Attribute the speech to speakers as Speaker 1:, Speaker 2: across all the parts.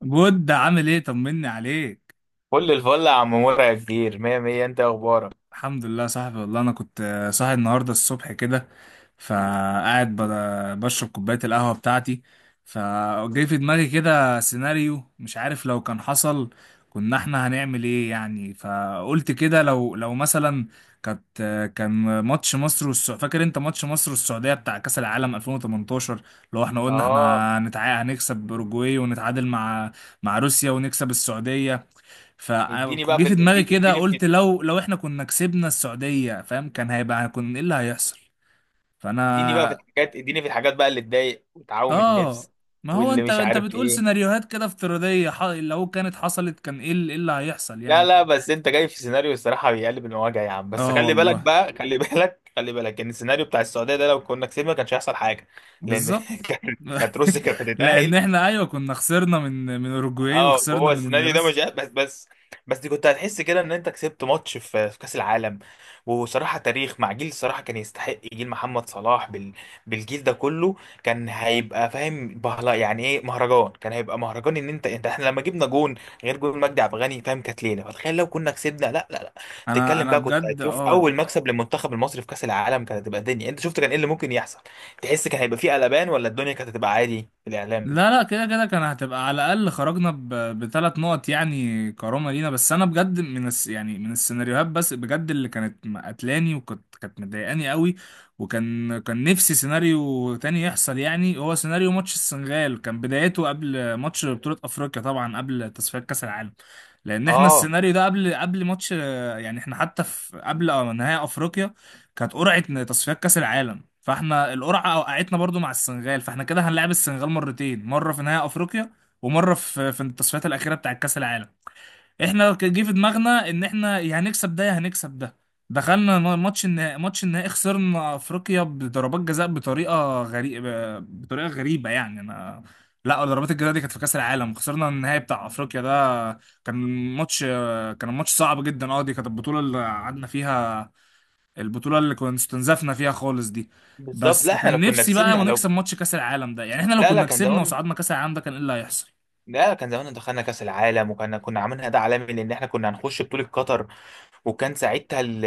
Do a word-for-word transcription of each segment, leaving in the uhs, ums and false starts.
Speaker 1: بود عامل ايه؟ طمني عليك.
Speaker 2: كل الفل يا عم مرعي، يا كبير، مية مية. انت إيه اخبارك؟
Speaker 1: الحمد لله يا صاحبي، والله انا كنت آه، صاحي النهارده الصبح كده. فقاعد ب- بشرب كوبايه القهوه بتاعتي. فجاي في دماغي كده سيناريو، مش عارف لو كان حصل كنا احنا هنعمل ايه يعني. فقلت كده لو لو مثلا كانت آه، كان ماتش مصر والسعوديه، فاكر انت ماتش مصر والسعوديه بتاع كاس العالم ألفين وتمنتاشر؟ لو احنا قلنا
Speaker 2: اه.
Speaker 1: احنا هنتع... هنكسب اوروجواي ونتعادل مع مع روسيا ونكسب السعوديه. فجه
Speaker 2: اديني بقى في
Speaker 1: في
Speaker 2: ال...
Speaker 1: دماغي
Speaker 2: ادي-
Speaker 1: كده،
Speaker 2: اديني
Speaker 1: قلت لو لو احنا كنا كسبنا السعودية، فاهم؟ كان هيبقى كنا ايه اللي هيحصل؟
Speaker 2: اديني بقى في
Speaker 1: فانا
Speaker 2: الحاجات، اديني في الحاجات بقى اللي تضايق وتعوم
Speaker 1: اه
Speaker 2: النفس
Speaker 1: ما هو
Speaker 2: واللي
Speaker 1: انت
Speaker 2: مش
Speaker 1: انت
Speaker 2: عارف
Speaker 1: بتقول
Speaker 2: ايه.
Speaker 1: سيناريوهات كده افتراضية، ح- لو كانت حصلت كان ايه اللي, إيه اللي هيحصل
Speaker 2: لا
Speaker 1: يعني؟
Speaker 2: لا، بس انت جاي في سيناريو الصراحة بيقلب المواجع يا عم. بس
Speaker 1: اه
Speaker 2: خلي بالك
Speaker 1: والله،
Speaker 2: بقى، خلي بالك، خلي بالك ان السيناريو بتاع السعودية ده لو كنا كسبنا ما كانش هيحصل حاجة. لان
Speaker 1: بالظبط.
Speaker 2: كانت كانت روسيا كانت
Speaker 1: لان
Speaker 2: هتتأهل.
Speaker 1: احنا ايوه كنا خسرنا من من اوروجواي
Speaker 2: اه،
Speaker 1: وخسرنا
Speaker 2: هو
Speaker 1: من
Speaker 2: السيناريو ده مش
Speaker 1: روسيا.
Speaker 2: بس بس. بس دي كنت هتحس كده ان انت كسبت ماتش في في كاس العالم. وصراحه تاريخ مع جيل الصراحه كان يستحق، جيل محمد صلاح بال بالجيل ده كله كان هيبقى فاهم بهلا يعني ايه مهرجان. كان هيبقى مهرجان ان انت انت، احنا لما جبنا جون غير جون مجدي عبد الغني، فاهم، كانت ليله. فتخيل لو كنا كسبنا. لا لا لا،
Speaker 1: انا
Speaker 2: تتكلم
Speaker 1: انا
Speaker 2: بقى، كنت
Speaker 1: بجد
Speaker 2: هتشوف اول
Speaker 1: اه.
Speaker 2: مكسب للمنتخب المصري في كاس العالم، كانت هتبقى الدنيا. انت شفت كان ايه اللي ممكن يحصل. تحس كان هيبقى فيه قلبان، ولا الدنيا كانت هتبقى عادي في الاعلام؟
Speaker 1: لا لا، كده كده كان هتبقى على الأقل خرجنا ب- بثلاث نقط يعني، كرامة لينا. بس أنا بجد من الس يعني من السيناريوهات، بس بجد اللي كانت قتلاني وكانت كانت مضايقاني قوي. وكان كان نفسي سيناريو تاني يحصل. يعني هو سيناريو ماتش السنغال كان بدايته قبل ماتش بطولة أفريقيا، طبعا قبل تصفيات كأس العالم. لأن احنا
Speaker 2: اه،
Speaker 1: السيناريو ده قبل قبل ماتش، يعني احنا حتى في قبل آه، نهائي أفريقيا كانت قرعة تصفيات كأس العالم، فاحنا القرعه وقعتنا برضو مع السنغال، فاحنا كده هنلعب السنغال مرتين: مره في نهائي افريقيا، ومره في في التصفيات الاخيره بتاع كاس العالم. احنا ك- جه في دماغنا ان احنا يا هنكسب ده يا هنكسب ده. دخلنا م- ماتش النهائي. ماتش النهائي خسرنا افريقيا بضربات جزاء بطريقه غريبه، بطريقه غريبه يعني انا. لا، ضربات الجزاء دي كانت في كاس العالم. خسرنا النهائي بتاع افريقيا ده، كان ماتش كان ماتش صعب جدا. اه، دي كانت البطوله اللي قعدنا فيها، البطولة اللي كنا استنزفنا فيها خالص دي.
Speaker 2: بالظبط. لا
Speaker 1: بس
Speaker 2: احنا لو
Speaker 1: كان
Speaker 2: كنا
Speaker 1: نفسي بقى
Speaker 2: كسبنا،
Speaker 1: ما
Speaker 2: لو.
Speaker 1: نكسب ماتش كأس العالم ده. يعني احنا لو
Speaker 2: لا لا،
Speaker 1: كنا
Speaker 2: كان
Speaker 1: كسبنا
Speaker 2: زمان.
Speaker 1: وصعدنا كأس العالم ده، كان ايه اللي هيحصل؟
Speaker 2: ده كان زمان دخلنا كاس العالم، وكنا كنا عاملينها ده عالمي. لان احنا كنا هنخش بطوله قطر وكان ساعتها ال-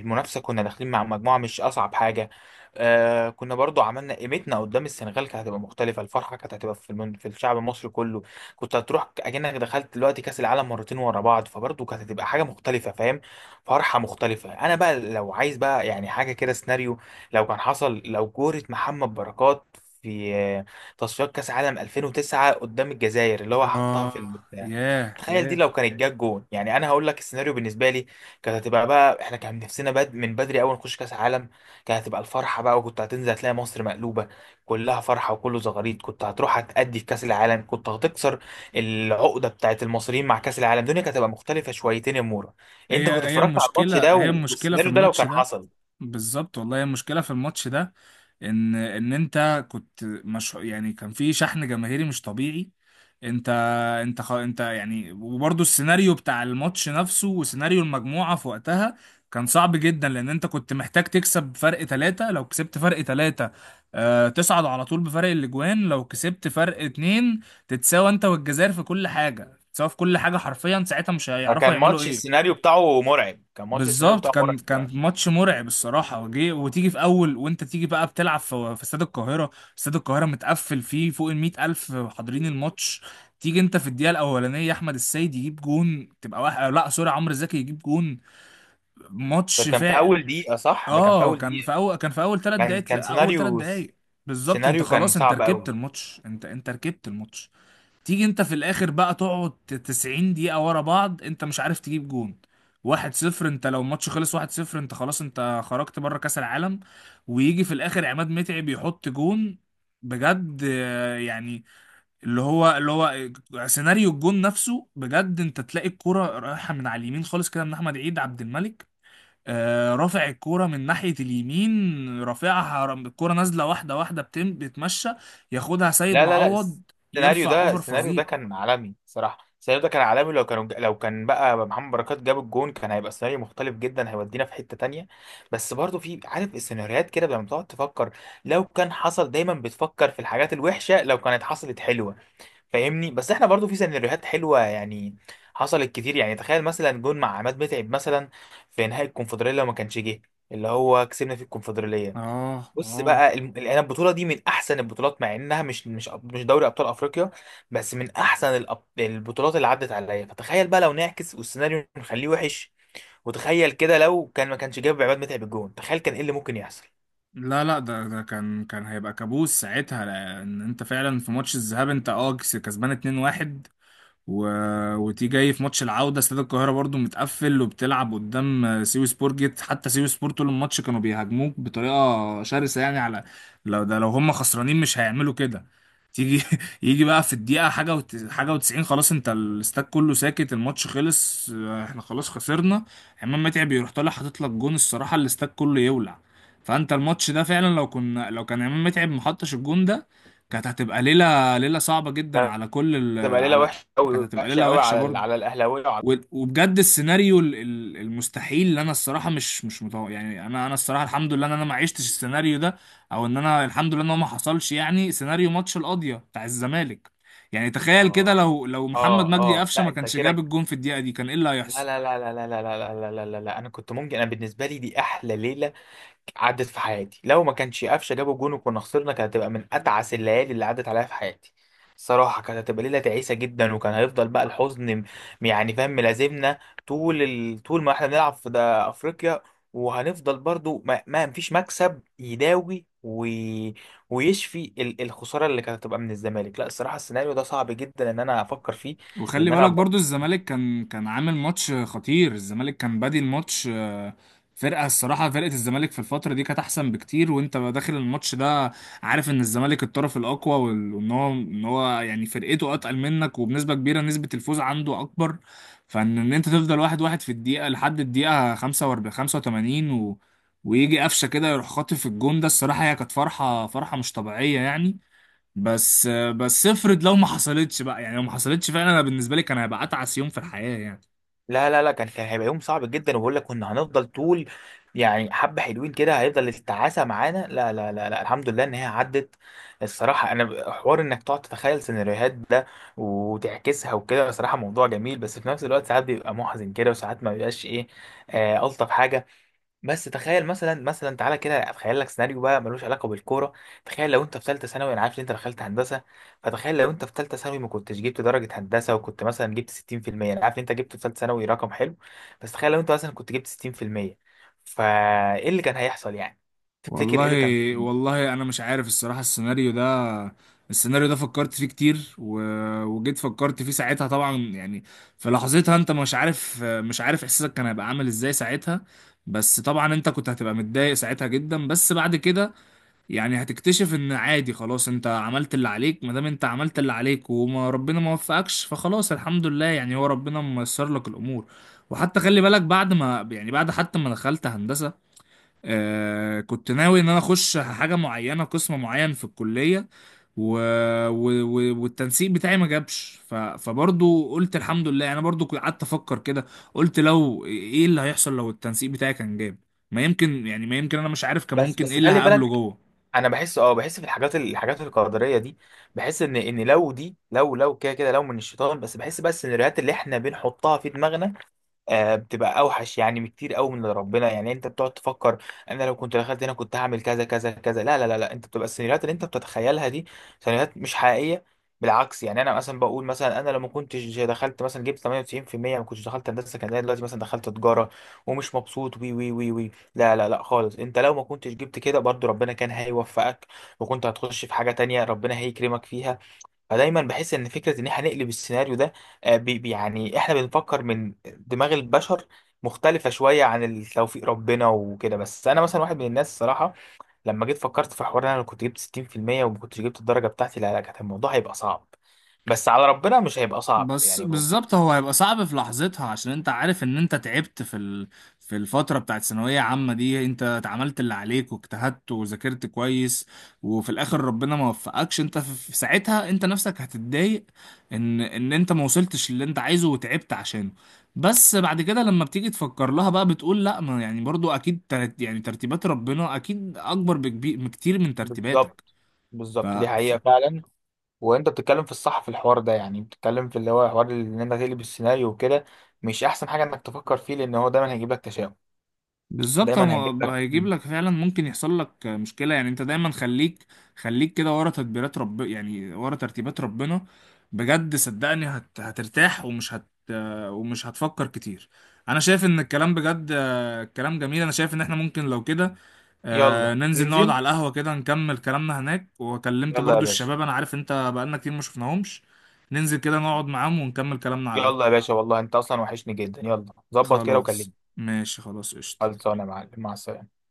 Speaker 2: المنافسه كنا داخلين مع مجموعه مش اصعب حاجه. آه كنا برضو عملنا قيمتنا قدام السنغال، كانت هتبقى مختلفه. الفرحه كانت هتبقى في, المن... في الشعب المصري كله. كنت هتروح اكنك دخلت دلوقتي كاس العالم مرتين ورا بعض، فبرضو كانت هتبقى حاجه مختلفه، فاهم، فرحه مختلفه. انا بقى لو عايز بقى يعني حاجه كده سيناريو لو كان حصل، لو كوره محمد بركات في تصفيات كاس عالم ألفين وتسعة قدام الجزائر اللي هو حطها
Speaker 1: اه،
Speaker 2: في البتاع،
Speaker 1: ياه
Speaker 2: تخيل دي
Speaker 1: ياه.
Speaker 2: لو كانت جت جون. يعني انا هقول لك السيناريو بالنسبه لي، كانت هتبقى بقى احنا كان نفسنا بد من بدري اول نخش كاس عالم، كانت هتبقى الفرحه بقى. وكنت هتنزل هتلاقي مصر مقلوبه كلها فرحه وكله زغاريد. كنت هتروح هتأدي في كاس العالم، كنت هتكسر العقده بتاعت المصريين مع كاس العالم. الدنيا كانت هتبقى مختلفه شويتين يا مورا.
Speaker 1: هي
Speaker 2: انت كنت
Speaker 1: هي
Speaker 2: اتفرجت على الماتش
Speaker 1: المشكلة،
Speaker 2: ده
Speaker 1: هي المشكلة في
Speaker 2: والسيناريو ده لو
Speaker 1: الماتش
Speaker 2: كان
Speaker 1: ده.
Speaker 2: حصل.
Speaker 1: بالظبط والله، هي المشكلة في الماتش ده. ان ان انت كنت مش يعني، كان في شحن جماهيري مش طبيعي. انت انت خ... انت يعني، وبرضه السيناريو بتاع الماتش نفسه وسيناريو المجموعة في وقتها كان صعب جدا. لان انت كنت محتاج تكسب فرق ثلاثة، لو كسبت فرق ثلاثة آه تصعد على طول بفرق الاجوان. لو كسبت فرق اتنين تتساوى انت والجزائر في كل حاجة، تتساوى في كل حاجة حرفيا، ساعتها مش هيعرفوا
Speaker 2: فكان
Speaker 1: يعملوا
Speaker 2: ماتش
Speaker 1: ايه.
Speaker 2: السيناريو بتاعه مرعب، كان ماتش السيناريو
Speaker 1: بالظبط،
Speaker 2: بتاعه
Speaker 1: كان
Speaker 2: مرعب.
Speaker 1: كان ماتش مرعب الصراحه. وجي وتيجي في اول، وانت تيجي بقى بتلعب في في استاد القاهره. استاد القاهره متقفل، فيه فوق ال مائة ألف الف حاضرين الماتش. تيجي انت في الدقيقه الاولانيه، احمد السيد يجيب جون، تبقى واحد، لا سوري، عمرو زكي يجيب جون،
Speaker 2: ده
Speaker 1: ماتش
Speaker 2: كان في
Speaker 1: فا
Speaker 2: اول دقيقه، صح، ده كان في
Speaker 1: اه،
Speaker 2: اول
Speaker 1: كان
Speaker 2: دقيقه.
Speaker 1: في اول كان في اول ثلاث
Speaker 2: كان كان
Speaker 1: دقائق اول ثلاث
Speaker 2: سيناريو،
Speaker 1: دقائق بالظبط، انت
Speaker 2: سيناريو كان
Speaker 1: خلاص، انت
Speaker 2: صعب
Speaker 1: ركبت
Speaker 2: قوي.
Speaker 1: الماتش، انت انت ركبت الماتش. تيجي انت في الاخر بقى تقعد تسعين دقيقة ورا بعض، انت مش عارف تجيب جون. واحد صفر، انت لو الماتش خلص واحد صفر، انت خلاص انت خرجت بره كأس العالم. ويجي في الاخر عماد متعب يحط جون. بجد آه، يعني، اللي هو اللي هو سيناريو الجون نفسه بجد. انت تلاقي الكرة رايحة من على اليمين خالص كده، من احمد عيد عبد الملك آه، رافع الكرة من ناحية اليمين، رافعها، رم- الكرة نازلة واحدة واحدة بتم- بتمشى، ياخدها سيد
Speaker 2: لا لا لا،
Speaker 1: معوض
Speaker 2: السيناريو
Speaker 1: يرفع
Speaker 2: ده،
Speaker 1: اوفر
Speaker 2: السيناريو ده
Speaker 1: فظيع.
Speaker 2: كان عالمي صراحه، السيناريو ده كان عالمي. لو كانوا لو كان بقى محمد بركات جاب الجون، كان هيبقى سيناريو مختلف جدا، هيودينا في حته تانية. بس برضو في، عارف، السيناريوهات كده لما تقعد تفكر لو كان حصل، دايما بتفكر في الحاجات الوحشه لو كانت حصلت حلوه. فاهمني؟ بس احنا برضو في سيناريوهات حلوه يعني حصلت كتير. يعني تخيل مثلا جون مع عماد متعب مثلا في نهائي الكونفدراليه، لو ما كانش جه، اللي هو كسبنا في الكونفدراليه.
Speaker 1: اه
Speaker 2: بص
Speaker 1: اه،
Speaker 2: بقى الم- يعني انا البطوله دي من احسن البطولات، مع انها مش مش أب- مش دوري ابطال افريقيا، بس من احسن الأب- البطولات اللي عدت عليا. فتخيل بقى لو نعكس والسيناريو نخليه وحش، وتخيل كده لو كان ما كانش جاب عماد متعب الجون، تخيل كان ايه اللي ممكن يحصل.
Speaker 1: لا لا، ده ده كان كان هيبقى كابوس ساعتها. لان انت فعلا في ماتش الذهاب انت اه كسبان اتنين واحد، و... وتيجي جاي في ماتش العودة، استاد القاهرة برضو متقفل، وبتلعب قدام سيوي سبور جيت. حتى سيوي سبور طول الماتش كانوا بيهاجموك بطريقة شرسة يعني، على لو ده لو هم خسرانين مش هيعملوا كده. تيجي يجي بقى في الدقيقة حاجة وت... حاجة وتسعين، خلاص انت الاستاد كله ساكت، الماتش خلص اه، احنا خلاص خسرنا. عماد متعب يروح طالع حاطط لك جون، الصراحة الاستاد كله يولع. فانت الماتش ده فعلا لو كنا لو كان عماد متعب محطش الجون ده، كانت هتبقى ليلة ليلة صعبة جدا
Speaker 2: كانت
Speaker 1: على كل ال...
Speaker 2: هتبقى ليله
Speaker 1: على.
Speaker 2: وحشه
Speaker 1: كانت
Speaker 2: قوي،
Speaker 1: هتبقى
Speaker 2: وحشه
Speaker 1: ليله
Speaker 2: قوي
Speaker 1: وحشه
Speaker 2: على ال- على
Speaker 1: برضه.
Speaker 2: الاهلاويه وعلى.
Speaker 1: و- وبجد السيناريو ال- ال- المستحيل اللي انا الصراحه مش مش متوقع يعني. انا انا الصراحه الحمد لله ان انا ما عشتش السيناريو ده، او ان انا الحمد لله ان هو ما حصلش. يعني سيناريو ماتش القاضيه بتاع الزمالك، يعني تخيل كده،
Speaker 2: اه
Speaker 1: لو لو محمد
Speaker 2: اه
Speaker 1: مجدي
Speaker 2: اه،
Speaker 1: قفشه
Speaker 2: لا
Speaker 1: ما
Speaker 2: انت
Speaker 1: كانش جاب
Speaker 2: كده.
Speaker 1: الجون في الدقيقه دي، كان ايه اللي
Speaker 2: لا
Speaker 1: هيحصل؟
Speaker 2: لا لا لا لا لا لا لا لا لا لا، انا كنت ممكن، انا بالنسبه لي دي احلى ليله عدت في حياتي. لو ما كانش قفشه جابوا جون وكنا خسرنا، كانت هتبقى من اتعس الليالي اللي عدت عليا في حياتي صراحه. كانت هتبقى ليله تعيسه جدا، وكان هيفضل بقى الحزن م- يعني، فاهم، ملازمنا طول ال... طول ما احنا بنلعب في ده افريقيا. وهنفضل برضو ما, ما فيش مكسب يداوي و... ويشفي ال- الخساره اللي كانت هتبقى من الزمالك. لا الصراحه، السيناريو ده صعب جدا ان انا افكر فيه.
Speaker 1: وخلي
Speaker 2: لان
Speaker 1: بالك
Speaker 2: انا
Speaker 1: برضو، الزمالك كان كان عامل ماتش خطير، الزمالك كان بادي الماتش آه، فرقة الصراحة فرقة الزمالك في الفترة دي كانت أحسن بكتير. وأنت بقى داخل الماتش ده عارف إن الزمالك الطرف الأقوى، وال- وإن هو إن هو يعني فرقته أتقل منك، وبنسبة كبيرة، نسبة الفوز عنده أكبر. فإن إن أنت تفضل واحد واحد في الدقيقة، لحد الدقيقة خمسة وأربعين خمسة وتمانين و... ويجي قفشة كده يروح خاطف الجون ده، الصراحة هي كانت فرحة، فرحة مش طبيعية يعني. بس بس، افرض لو ما حصلتش بقى يعني، لو ما حصلتش فعلا، انا بالنسبه لي كان هيبقى اتعس يوم في الحياه يعني.
Speaker 2: لا لا لا، كان كان هيبقى يوم صعب جدا. وبقول لك كنا هنفضل طول يعني حبة حلوين كده هيفضل التعاسة معانا. لا لا لا لا، الحمد لله ان هي عدت. الصراحة انا ب- حوار انك تقعد تتخيل سيناريوهات ده وتعكسها وكده، صراحة موضوع جميل، بس في نفس الوقت ساعات بيبقى محزن كده وساعات ما بيبقاش ايه، آه الطف حاجة. بس تخيل مثلا، مثلا تعالى كده اتخيل لك سيناريو بقى ملوش علاقه بالكوره. تخيل لو انت في ثالثه ثانوي، انا عارف ان انت دخلت هندسه، فتخيل لو انت في ثالثه ثانوي ما كنتش جبت درجه هندسه وكنت مثلا جبت ستين في المية. انا عارف ان انت جبت في ثالثه ثانوي رقم حلو، بس تخيل لو انت مثلا كنت جبت ستين في المية، فايه اللي كان هيحصل يعني؟ تفتكر ايه
Speaker 1: والله
Speaker 2: اللي كان ممكن يحصل؟
Speaker 1: والله انا مش عارف الصراحه، السيناريو ده، السيناريو ده فكرت فيه كتير، و... وجيت فكرت فيه ساعتها طبعا يعني، في لحظتها انت مش عارف مش عارف احساسك كان هيبقى عامل ازاي ساعتها. بس طبعا انت كنت هتبقى متضايق ساعتها جدا. بس بعد كده يعني هتكتشف ان عادي خلاص، انت عملت اللي عليك، ما دام انت عملت اللي عليك وما ربنا ما وفقكش، فخلاص الحمد لله يعني، هو ربنا ميسر لك الامور. وحتى خلي بالك، بعد ما يعني، بعد حتى ما دخلت هندسة، آه كنت ناوي ان انا اخش حاجة معينة، قسم معين في الكلية، و... و... و... والتنسيق بتاعي ما جابش. ف... فبرضو قلت الحمد لله. انا برضو كنت قعدت افكر كده، قلت لو ايه اللي هيحصل لو التنسيق بتاعي كان جاب، ما يمكن يعني، ما يمكن، انا مش عارف كان
Speaker 2: بس
Speaker 1: ممكن
Speaker 2: بس
Speaker 1: ايه اللي
Speaker 2: خلي
Speaker 1: هقابله
Speaker 2: بالك،
Speaker 1: جوه.
Speaker 2: انا بحس، اه بحس في الحاجات، الحاجات القدريه دي. بحس ان ان لو دي، لو لو كده كده لو من الشيطان. بس بحس بس ان السيناريوهات اللي احنا بنحطها في دماغنا آه، بتبقى اوحش يعني بكتير قوي من اللي ربنا. يعني انت بتقعد تفكر، انا لو كنت دخلت هنا كنت هعمل كذا كذا كذا. لا لا لا لا، انت بتبقى السيناريوهات اللي انت بتتخيلها دي سيناريوهات مش حقيقيه. بالعكس، يعني انا مثلا بقول، مثلا انا لو ما كنتش دخلت، مثلا جبت ثمانية وتسعين في المية، ما كنتش دخلت هندسه، كان زمان دلوقتي مثلا دخلت تجاره ومش مبسوط، وي وي وي وي. لا لا لا خالص، انت لو ما كنتش جبت كده برضو ربنا كان هيوفقك وكنت هتخش في حاجه تانية ربنا هيكرمك فيها. فدايما بحس ان فكره ان احنا نقلب السيناريو ده آه، بي بي- يعني احنا بنفكر من دماغ البشر مختلفه شويه عن التوفيق ربنا وكده. بس انا مثلا واحد من الناس الصراحه، لما جيت فكرت في حوار إن انا لو كنت جبت ستين في المية وما كنتش جبت الدرجه بتاعتي، لا لا كان الموضوع هيبقى صعب، بس على ربنا مش هيبقى صعب.
Speaker 1: بس
Speaker 2: يعني هو-
Speaker 1: بالظبط، هو هيبقى صعب في لحظتها، عشان انت عارف ان انت تعبت في ال... في الفترة بتاعت ثانوية عامة دي. انت اتعملت اللي عليك واجتهدت وذاكرت كويس، وفي الاخر ربنا ما وفقكش، انت في في ساعتها انت نفسك هتتضايق ان ان انت ما وصلتش اللي انت عايزه وتعبت عشانه. بس بعد كده لما بتيجي تفكر لها بقى، بتقول لا، ما يعني برضو اكيد ترت... يعني ترتيبات ربنا اكيد اكبر، بكبير بكتير من ترتيباتك.
Speaker 2: بالظبط،
Speaker 1: ف...
Speaker 2: بالظبط. دي
Speaker 1: ف...
Speaker 2: حقيقه فعلا. وانت بتتكلم في الصح في الحوار ده، يعني بتتكلم في اللي هو حوار ان انت تقلب السيناريو وكده مش احسن حاجه انك تفكر فيه، لان هو دايما هيجيب لك تشاؤم.
Speaker 1: بالظبط،
Speaker 2: دايما هيجيب
Speaker 1: هو
Speaker 2: لك.
Speaker 1: هيجيب لك فعلا ممكن يحصل لك مشكلة يعني. انت دايما خليك، خليك كده ورا تدبيرات رب يعني ورا ترتيبات ربنا، بجد صدقني هت... هترتاح، ومش هت ومش هتفكر كتير. انا شايف ان الكلام، بجد الكلام جميل. انا شايف ان احنا ممكن لو كده آه،
Speaker 2: يلا
Speaker 1: ننزل نقعد
Speaker 2: ننزل.
Speaker 1: على القهوة كده، نكمل كلامنا هناك. وكلمت
Speaker 2: يلا يا
Speaker 1: برضو
Speaker 2: باشا.
Speaker 1: الشباب، انا عارف انت بقالنا كتير ما شفناهمش. ننزل كده نقعد معاهم ونكمل كلامنا على
Speaker 2: يلا
Speaker 1: القهوة.
Speaker 2: يا باشا، والله انت اصلا وحشني جدا. يلا، ظبط كده
Speaker 1: خلاص
Speaker 2: وكلمني.
Speaker 1: ماشي، خلاص قشطة.
Speaker 2: خلصانه يا معلم، مع السلامه.